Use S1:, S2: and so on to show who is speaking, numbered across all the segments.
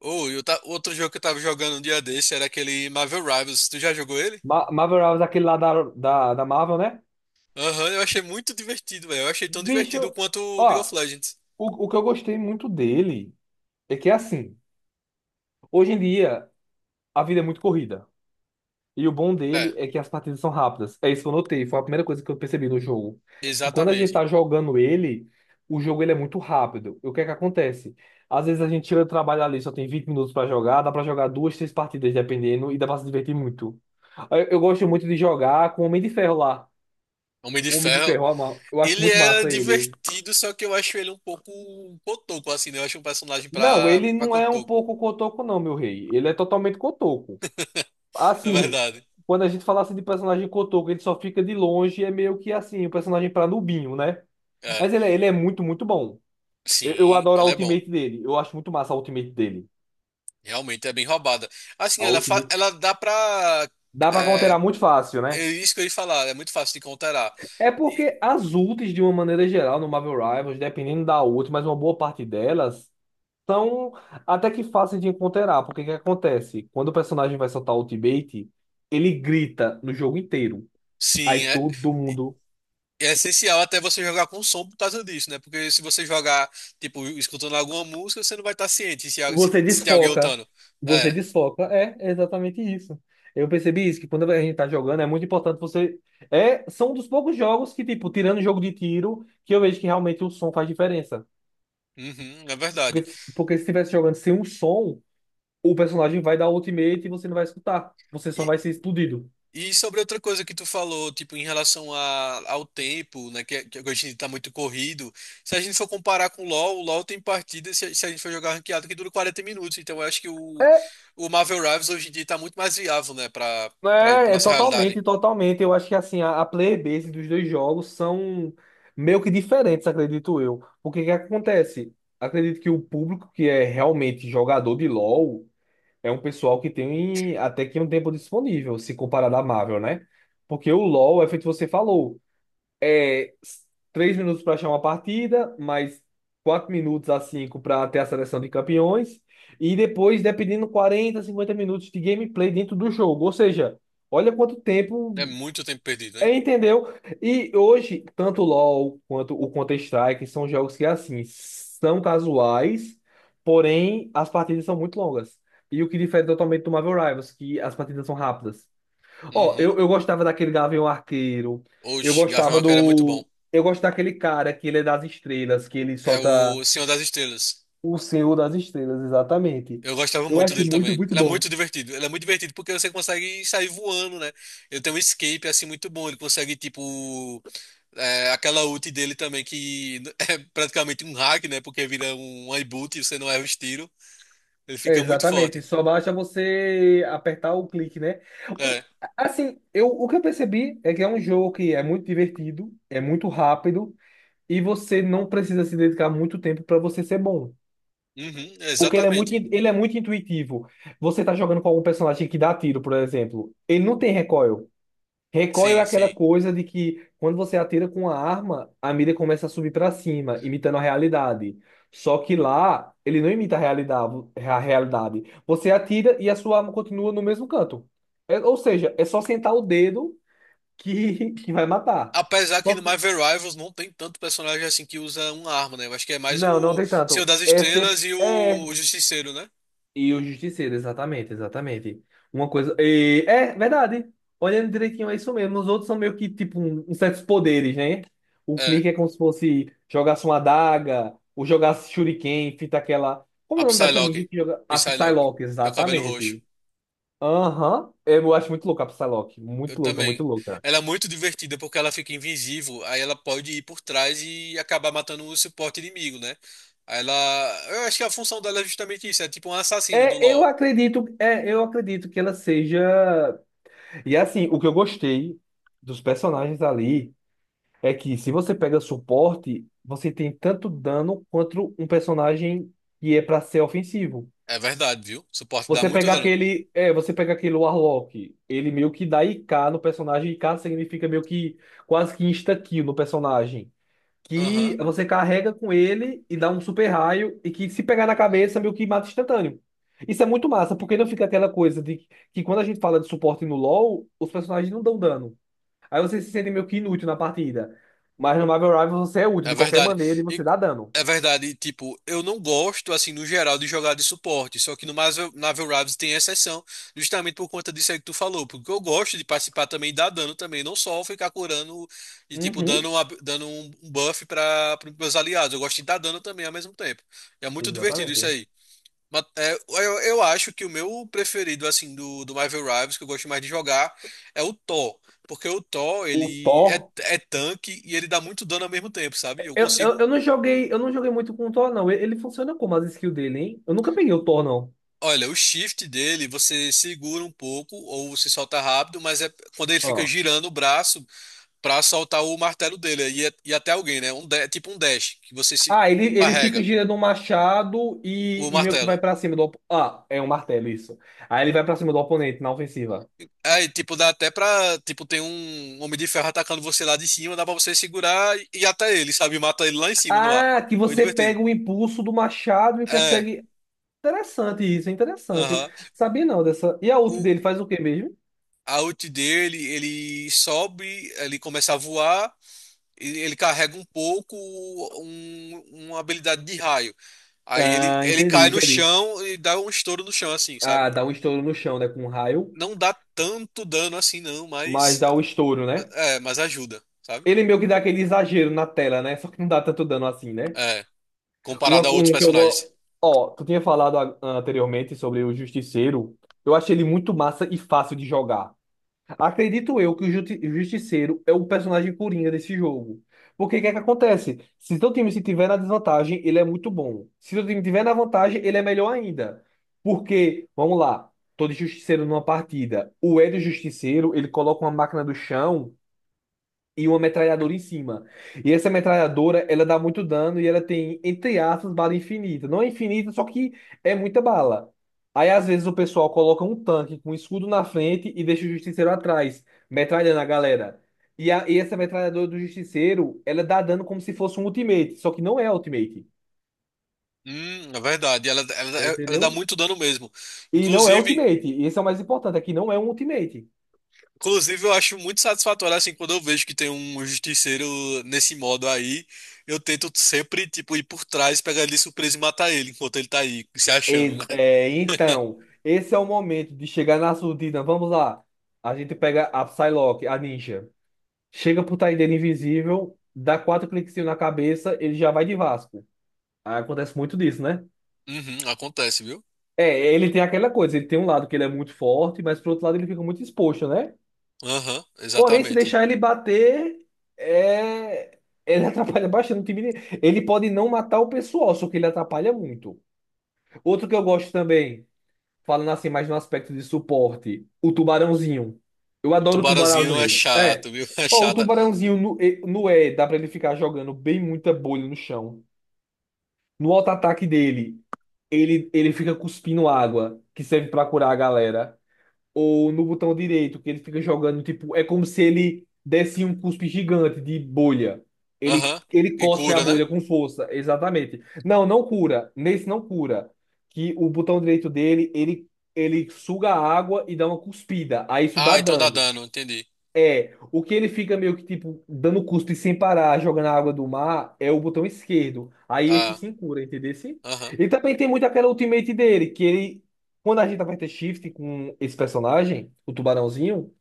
S1: Ou outro jogo que eu tava jogando um dia desse era aquele Marvel Rivals. Tu já jogou ele?
S2: Marvel Rivals, é aquele lá da Marvel, né?
S1: Aham, eu achei muito divertido, velho. Eu achei tão divertido
S2: Bicho,
S1: quanto o League of
S2: ó,
S1: Legends.
S2: o que eu gostei muito dele é que é assim. Hoje em dia, a vida é muito corrida. E o bom
S1: É,
S2: dele é que as partidas são rápidas. É isso que eu notei. Foi a primeira coisa que eu percebi no jogo. Que quando a gente
S1: exatamente.
S2: tá jogando ele, o jogo ele é muito rápido. E o que é que acontece? Às vezes a gente tira o trabalho ali, só tem 20 minutos pra jogar, dá pra jogar duas, três partidas, dependendo, e dá pra se divertir muito. Eu gosto muito de jogar com o Homem de Ferro lá.
S1: Homem de
S2: O Homem de
S1: Ferro.
S2: Ferro, ó, eu acho
S1: Ele
S2: muito
S1: é
S2: massa ele.
S1: divertido, só que eu acho ele um pouco cotoco, assim, né? Eu acho um personagem
S2: Não,
S1: pra,
S2: ele
S1: pra
S2: não é um
S1: cotoco.
S2: pouco cotoco, não, meu rei. Ele é totalmente cotoco.
S1: É
S2: Assim,
S1: verdade.
S2: quando a gente falasse de personagem cotoco, ele só fica de longe, é meio que assim, o personagem pra nubinho, né?
S1: É.
S2: Mas ele, ele é muito, muito bom. Eu
S1: Sim,
S2: adoro a
S1: ele é bom.
S2: ultimate dele. Eu acho muito massa a ultimate dele.
S1: Realmente é bem roubada. Assim,
S2: A
S1: ela,
S2: ultimate.
S1: ela dá pra.
S2: Dá pra
S1: É,
S2: counterar muito fácil,
S1: é
S2: né?
S1: isso que eu ia falar, é muito fácil de counterar.
S2: É
S1: E,
S2: porque as ultis, de uma maneira geral, no Marvel Rivals, dependendo da ult, mas uma boa parte delas. São até que fáceis de encontrar, porque o que acontece? Quando o personagem vai soltar o ultimate, ele grita no jogo inteiro. Aí
S1: sim, é.
S2: todo mundo.
S1: É essencial até você jogar com som por causa disso, né? Porque se você jogar, tipo, escutando alguma música, você não vai estar ciente se, se,
S2: Você
S1: se tem alguém
S2: desfoca.
S1: lutando.
S2: Você
S1: É,
S2: desfoca. É, é exatamente isso. Eu percebi isso, que quando a gente tá jogando, é muito importante você. É, são um dos poucos jogos que, tipo, tirando o jogo de tiro, que eu vejo que realmente o som faz diferença.
S1: uhum, é verdade.
S2: Porque, porque se estivesse jogando sem um som, o personagem vai dar ultimate e você não vai escutar. Você
S1: E,
S2: só vai ser explodido.
S1: e sobre outra coisa que tu falou, tipo, em relação a, ao tempo, né? Que hoje em dia tá muito corrido. Se a gente for comparar com o LoL tem partidas, se a gente for jogar ranqueado, que dura 40 minutos. Então eu acho que o Marvel Rivals hoje em dia tá muito mais viável, né? Pra
S2: É, é
S1: nossa realidade.
S2: totalmente, totalmente. Eu acho que assim, a player base dos dois jogos são meio que diferentes, acredito eu. Porque o que acontece? Acredito que o público que é realmente jogador de LoL é um pessoal que tem até que um tempo disponível, se comparado à Marvel, né? Porque o LoL é feito você falou é 3 minutos para achar uma partida, mais 4 minutos a 5 para ter a seleção de campeões, e depois, dependendo, 40, 50 minutos de gameplay dentro do jogo. Ou seja, olha quanto
S1: É
S2: tempo.
S1: muito tempo perdido, hein?
S2: É, entendeu? E hoje, tanto o LoL quanto o Counter-Strike são jogos que, assim, são casuais, porém as partidas são muito longas. E o que difere totalmente do Marvel Rivals, que as partidas são rápidas. Ó,
S1: Uhum.
S2: eu gostava daquele Gavião Arqueiro. Eu
S1: Oxe, Gavião
S2: gostava
S1: Arqueiro é muito bom.
S2: do. Eu gosto daquele cara que ele é das estrelas, que ele
S1: É
S2: solta
S1: o Senhor das Estrelas.
S2: o Senhor das Estrelas, exatamente.
S1: Eu gostava
S2: Eu
S1: muito
S2: acho
S1: dele
S2: muito,
S1: também.
S2: muito
S1: Ele é
S2: bom.
S1: muito divertido. Ele é muito divertido porque você consegue sair voando, né? Ele tem um escape assim muito bom. Ele consegue, tipo, é, aquela ult dele também, que é praticamente um hack, né? Porque vira um iBoot e você não erra os tiros. Ele
S2: É,
S1: fica muito
S2: exatamente.
S1: forte.
S2: Só basta você apertar o clique, né? O-
S1: É.
S2: assim, eu, o que eu percebi é que é um jogo que é muito divertido, é muito rápido, e você não precisa se dedicar muito tempo para você ser bom.
S1: Uhum,
S2: Porque
S1: exatamente.
S2: ele é muito intuitivo. Você tá jogando com algum personagem que dá tiro, por exemplo. Ele não tem recoil. Recoil é
S1: Sim,
S2: aquela
S1: sim.
S2: coisa de que quando você atira com a arma, a mira começa a subir para cima, imitando a realidade. Só que lá, ele não imita a realidade, a realidade. Você atira e a sua arma continua no mesmo canto. Ou seja, é só sentar o dedo que, que vai matar.
S1: Apesar que
S2: Só
S1: no Marvel Rivals não tem tanto personagem assim que usa uma arma, né? Eu acho que é mais
S2: Não, não
S1: o
S2: tem
S1: Senhor
S2: tanto.
S1: das
S2: É sempre.
S1: Estrelas e
S2: É.
S1: o Justiceiro, né?
S2: E o Justiceiro, exatamente, exatamente. Uma coisa. É verdade. Olhando direitinho, é isso mesmo. Os outros são meio que tipo um, uns certos poderes, né? O
S1: É.
S2: clique é como se fosse jogasse uma adaga, ou jogasse shuriken, fita aquela. Como
S1: A
S2: é o nome dessa ninja
S1: Psylocke.
S2: que joga? A
S1: Psylocke.
S2: Psylocke,
S1: Meu cabelo roxo.
S2: exatamente. Aham. Eu acho muito louca a Psylocke.
S1: Eu
S2: Muito louca,
S1: também.
S2: muito louca.
S1: Ela é muito divertida porque ela fica invisível, aí ela pode ir por trás e acabar matando o suporte inimigo, né? Aí ela. Eu acho que a função dela é justamente isso, é tipo um assassino do LoL.
S2: É, eu acredito que ela seja. E assim, o que eu gostei dos personagens ali. É que se você pega suporte, você tem tanto dano quanto um personagem que é pra ser ofensivo.
S1: É verdade, viu? O suporte dá
S2: Você
S1: muito
S2: pega
S1: dano.
S2: aquele, é, você pega aquele Warlock, ele meio que dá IK no personagem, IK significa meio que quase que insta-kill no personagem, que
S1: Aham.
S2: você carrega com ele e dá um super raio e que se pegar na cabeça meio que mata instantâneo. Isso é muito massa, porque não fica aquela coisa de que quando a gente fala de suporte no LoL, os personagens não dão dano. Aí você se sente meio que inútil na partida. Mas no Marvel Rivals você é útil
S1: É
S2: de qualquer
S1: verdade.
S2: maneira e
S1: E,
S2: você dá dano.
S1: é verdade, e, tipo, eu não gosto, assim, no geral, de jogar de suporte. Só que no Marvel Rivals tem exceção, justamente por conta disso aí que tu falou. Porque eu gosto de participar também e dar dano também, não só ficar curando e, tipo,
S2: Uhum,
S1: dando, dando um buff para os meus aliados. Eu gosto de dar dano também ao mesmo tempo. É muito divertido isso
S2: exatamente.
S1: aí. Mas, é, eu acho que o meu preferido, assim, do Marvel Rivals, que eu gosto mais de jogar, é o Thor. Porque o Thor,
S2: O
S1: ele é,
S2: Thor.
S1: é tanque e ele dá muito dano ao mesmo tempo, sabe? Eu
S2: Eu,
S1: consigo.
S2: eu, eu não joguei, eu não joguei muito com o Thor, não. Ele funciona como as skills dele, hein? Eu nunca peguei o Thor, não.
S1: Olha, o shift dele, você segura um pouco ou se solta rápido, mas é quando ele fica
S2: Ah.
S1: girando o braço pra soltar o martelo dele. E, e até alguém, né? Um, é tipo um dash, que você se
S2: Ah, ele fica
S1: carrega
S2: girando um machado e,
S1: o
S2: e meio que vai
S1: martelo.
S2: pra cima do. Ah, é um martelo, isso. Aí ele vai pra cima do oponente na ofensiva.
S1: Aí, tipo, dá até pra. Tipo, tem um homem de ferro atacando você lá de cima, dá pra você segurar e ir até ele, sabe? Mata ele lá em cima no ar.
S2: Ah, que
S1: Muito
S2: você
S1: divertido.
S2: pega o impulso do machado e
S1: É,
S2: consegue. Interessante isso, é interessante.
S1: aham.
S2: Sabia não dessa. E a ult
S1: O
S2: dele faz o quê mesmo?
S1: A ult dele, ele sobe, ele começa a voar, e ele carrega um pouco um- uma habilidade de raio. Aí ele,
S2: Ah,
S1: ele cai
S2: entendi,
S1: no
S2: entendi.
S1: chão e dá um estouro no chão, assim, sabe?
S2: Ah, dá um estouro no chão, né? Com um raio,
S1: Não dá tanto dano assim, não,
S2: mas
S1: mas.
S2: dá o estouro, né?
S1: É, mas ajuda, sabe?
S2: Ele meio que dá aquele exagero na tela, né? Só que não dá tanto dano assim, né?
S1: É,
S2: Uma,
S1: comparado a outros
S2: um que eu gosto.
S1: personagens.
S2: Ó, tu tinha falado anteriormente sobre o Justiceiro. Eu achei ele muito massa e fácil de jogar. Acredito eu que o o Justiceiro é o personagem coringa desse jogo. Porque o que é que acontece? Se teu time se tiver na desvantagem, ele é muito bom. Se teu time tiver na vantagem, ele é melhor ainda. Porque, vamos lá, tô de Justiceiro numa partida. O Hélio Justiceiro, ele coloca uma máquina do chão e uma metralhadora em cima. E essa metralhadora, ela dá muito dano e ela tem, entre aspas, bala infinita. Não é infinita, só que é muita bala. Aí, às vezes, o pessoal coloca um tanque com um escudo na frente e deixa o justiceiro atrás, metralhando a galera. E essa metralhadora do justiceiro, ela dá dano como se fosse um ultimate, só que não é ultimate.
S1: É verdade. Ela dá
S2: Entendeu?
S1: muito dano mesmo.
S2: E não é
S1: Inclusive,
S2: ultimate. E esse é o mais importante, é que não é um ultimate.
S1: inclusive, eu acho muito satisfatório assim quando eu vejo que tem um justiceiro nesse modo aí. Eu tento sempre, tipo, ir por trás, pegar ele de surpresa e matar ele enquanto ele tá aí, se achando, né?
S2: É, então, esse é o momento de chegar na surdina. Vamos lá. A gente pega a Psylocke, a ninja. Chega pro Taideira invisível, dá quatro cliquezinhos na cabeça, ele já vai de Vasco. Aí acontece muito disso, né?
S1: Uhum, acontece, viu?
S2: É, ele tem aquela coisa, ele tem um lado que ele é muito forte, mas por outro lado ele fica muito exposto, né?
S1: Aham,
S2: Porém, se
S1: exatamente.
S2: deixar ele bater, é... ele atrapalha bastante o time. Dele. Ele pode não matar o pessoal, só que ele atrapalha muito. Outro que eu gosto também. Falando assim mais no aspecto de suporte, o tubarãozinho. Eu
S1: O
S2: adoro o
S1: tubarãozinho é
S2: tubarãozinho. É.
S1: chato, viu? É
S2: Ó, o
S1: chata.
S2: tubarãozinho no E, no E dá pra ele ficar jogando bem muita bolha no chão. No auto-ataque dele, ele fica cuspindo água, que serve pra curar a galera ou no botão direito, que ele fica jogando, tipo, é como se ele desse um cuspe gigante de bolha. Ele,
S1: Aham.
S2: ele
S1: E
S2: cospe a
S1: cura, né?
S2: bolha com força, exatamente. Não, não cura. Nesse não cura. Que o botão direito dele, ele suga a água e dá uma cuspida. Aí isso dá
S1: Ah, então dá
S2: dano.
S1: dano, entendi.
S2: É, o que ele fica meio que tipo dando cuspe sem parar, jogando a água do mar, é o botão esquerdo. Aí esse
S1: Ah,
S2: sim cura, entendeu? Sim?
S1: aham.
S2: E também tem muito aquela ultimate dele, que ele, quando a gente aperta shift com esse personagem, o tubarãozinho,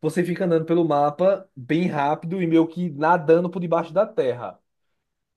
S2: você fica andando pelo mapa bem rápido e meio que nadando por debaixo da terra.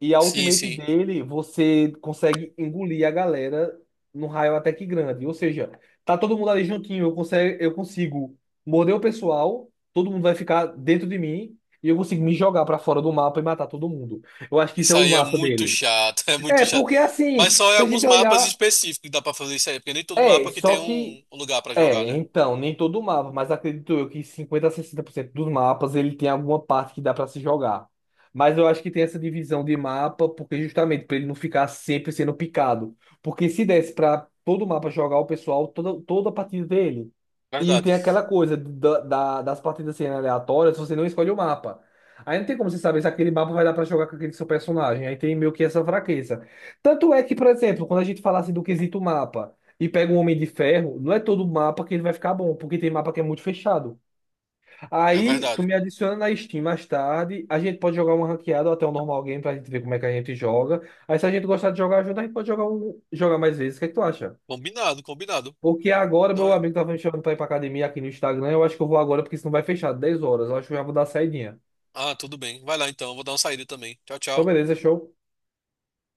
S2: E a
S1: Sim,
S2: ultimate
S1: sim.
S2: dele, você consegue engolir a galera num raio até que grande. Ou seja, tá todo mundo ali juntinho, eu consigo morder o pessoal, todo mundo vai ficar dentro de mim e eu consigo me jogar pra fora do mapa e matar todo mundo. Eu acho que isso
S1: Isso
S2: é o
S1: aí é
S2: massa
S1: muito
S2: dele.
S1: chato, é muito
S2: É,
S1: chato.
S2: porque assim,
S1: Mas só em
S2: se a
S1: alguns
S2: gente
S1: mapas
S2: olhar,
S1: específicos que dá pra fazer isso aí, porque nem todo
S2: é,
S1: mapa que
S2: só
S1: tem
S2: que
S1: um lugar pra jogar,
S2: é,
S1: né?
S2: então, nem todo mapa, mas acredito eu que 50 a 60% dos mapas ele tem alguma parte que dá pra se jogar. Mas eu acho que tem essa divisão de mapa porque justamente pra ele não ficar sempre sendo picado. Porque se desse pra todo mapa jogar o pessoal toda, toda a partida dele. E
S1: Verdade,
S2: tem aquela coisa das partidas serem aleatórias, você não escolhe o mapa. Aí não tem como você saber se aquele mapa vai dar pra jogar com aquele seu personagem. Aí tem meio que essa fraqueza. Tanto é que, por exemplo, quando a gente falasse do quesito mapa, e pega um Homem de Ferro, não é todo mapa que ele vai ficar bom, porque tem mapa que é muito fechado.
S1: é
S2: Aí tu
S1: verdade.
S2: me adiciona na Steam mais tarde, a gente pode jogar uma ranqueada ou até um normal game pra gente ver como é que a gente joga. Aí se a gente gostar de jogar junto, a gente pode jogar, um, jogar mais vezes. O que é que tu acha?
S1: Combinado, combinado.
S2: Porque agora
S1: Então,
S2: meu amigo tava me chamando pra ir pra academia aqui no Instagram, eu acho que eu vou agora porque senão vai fechar 10 horas, eu acho que eu já vou dar saidinha.
S1: ah, tudo bem. Vai lá então, eu vou dar uma saída também. Tchau,
S2: Então
S1: tchau.
S2: beleza, show.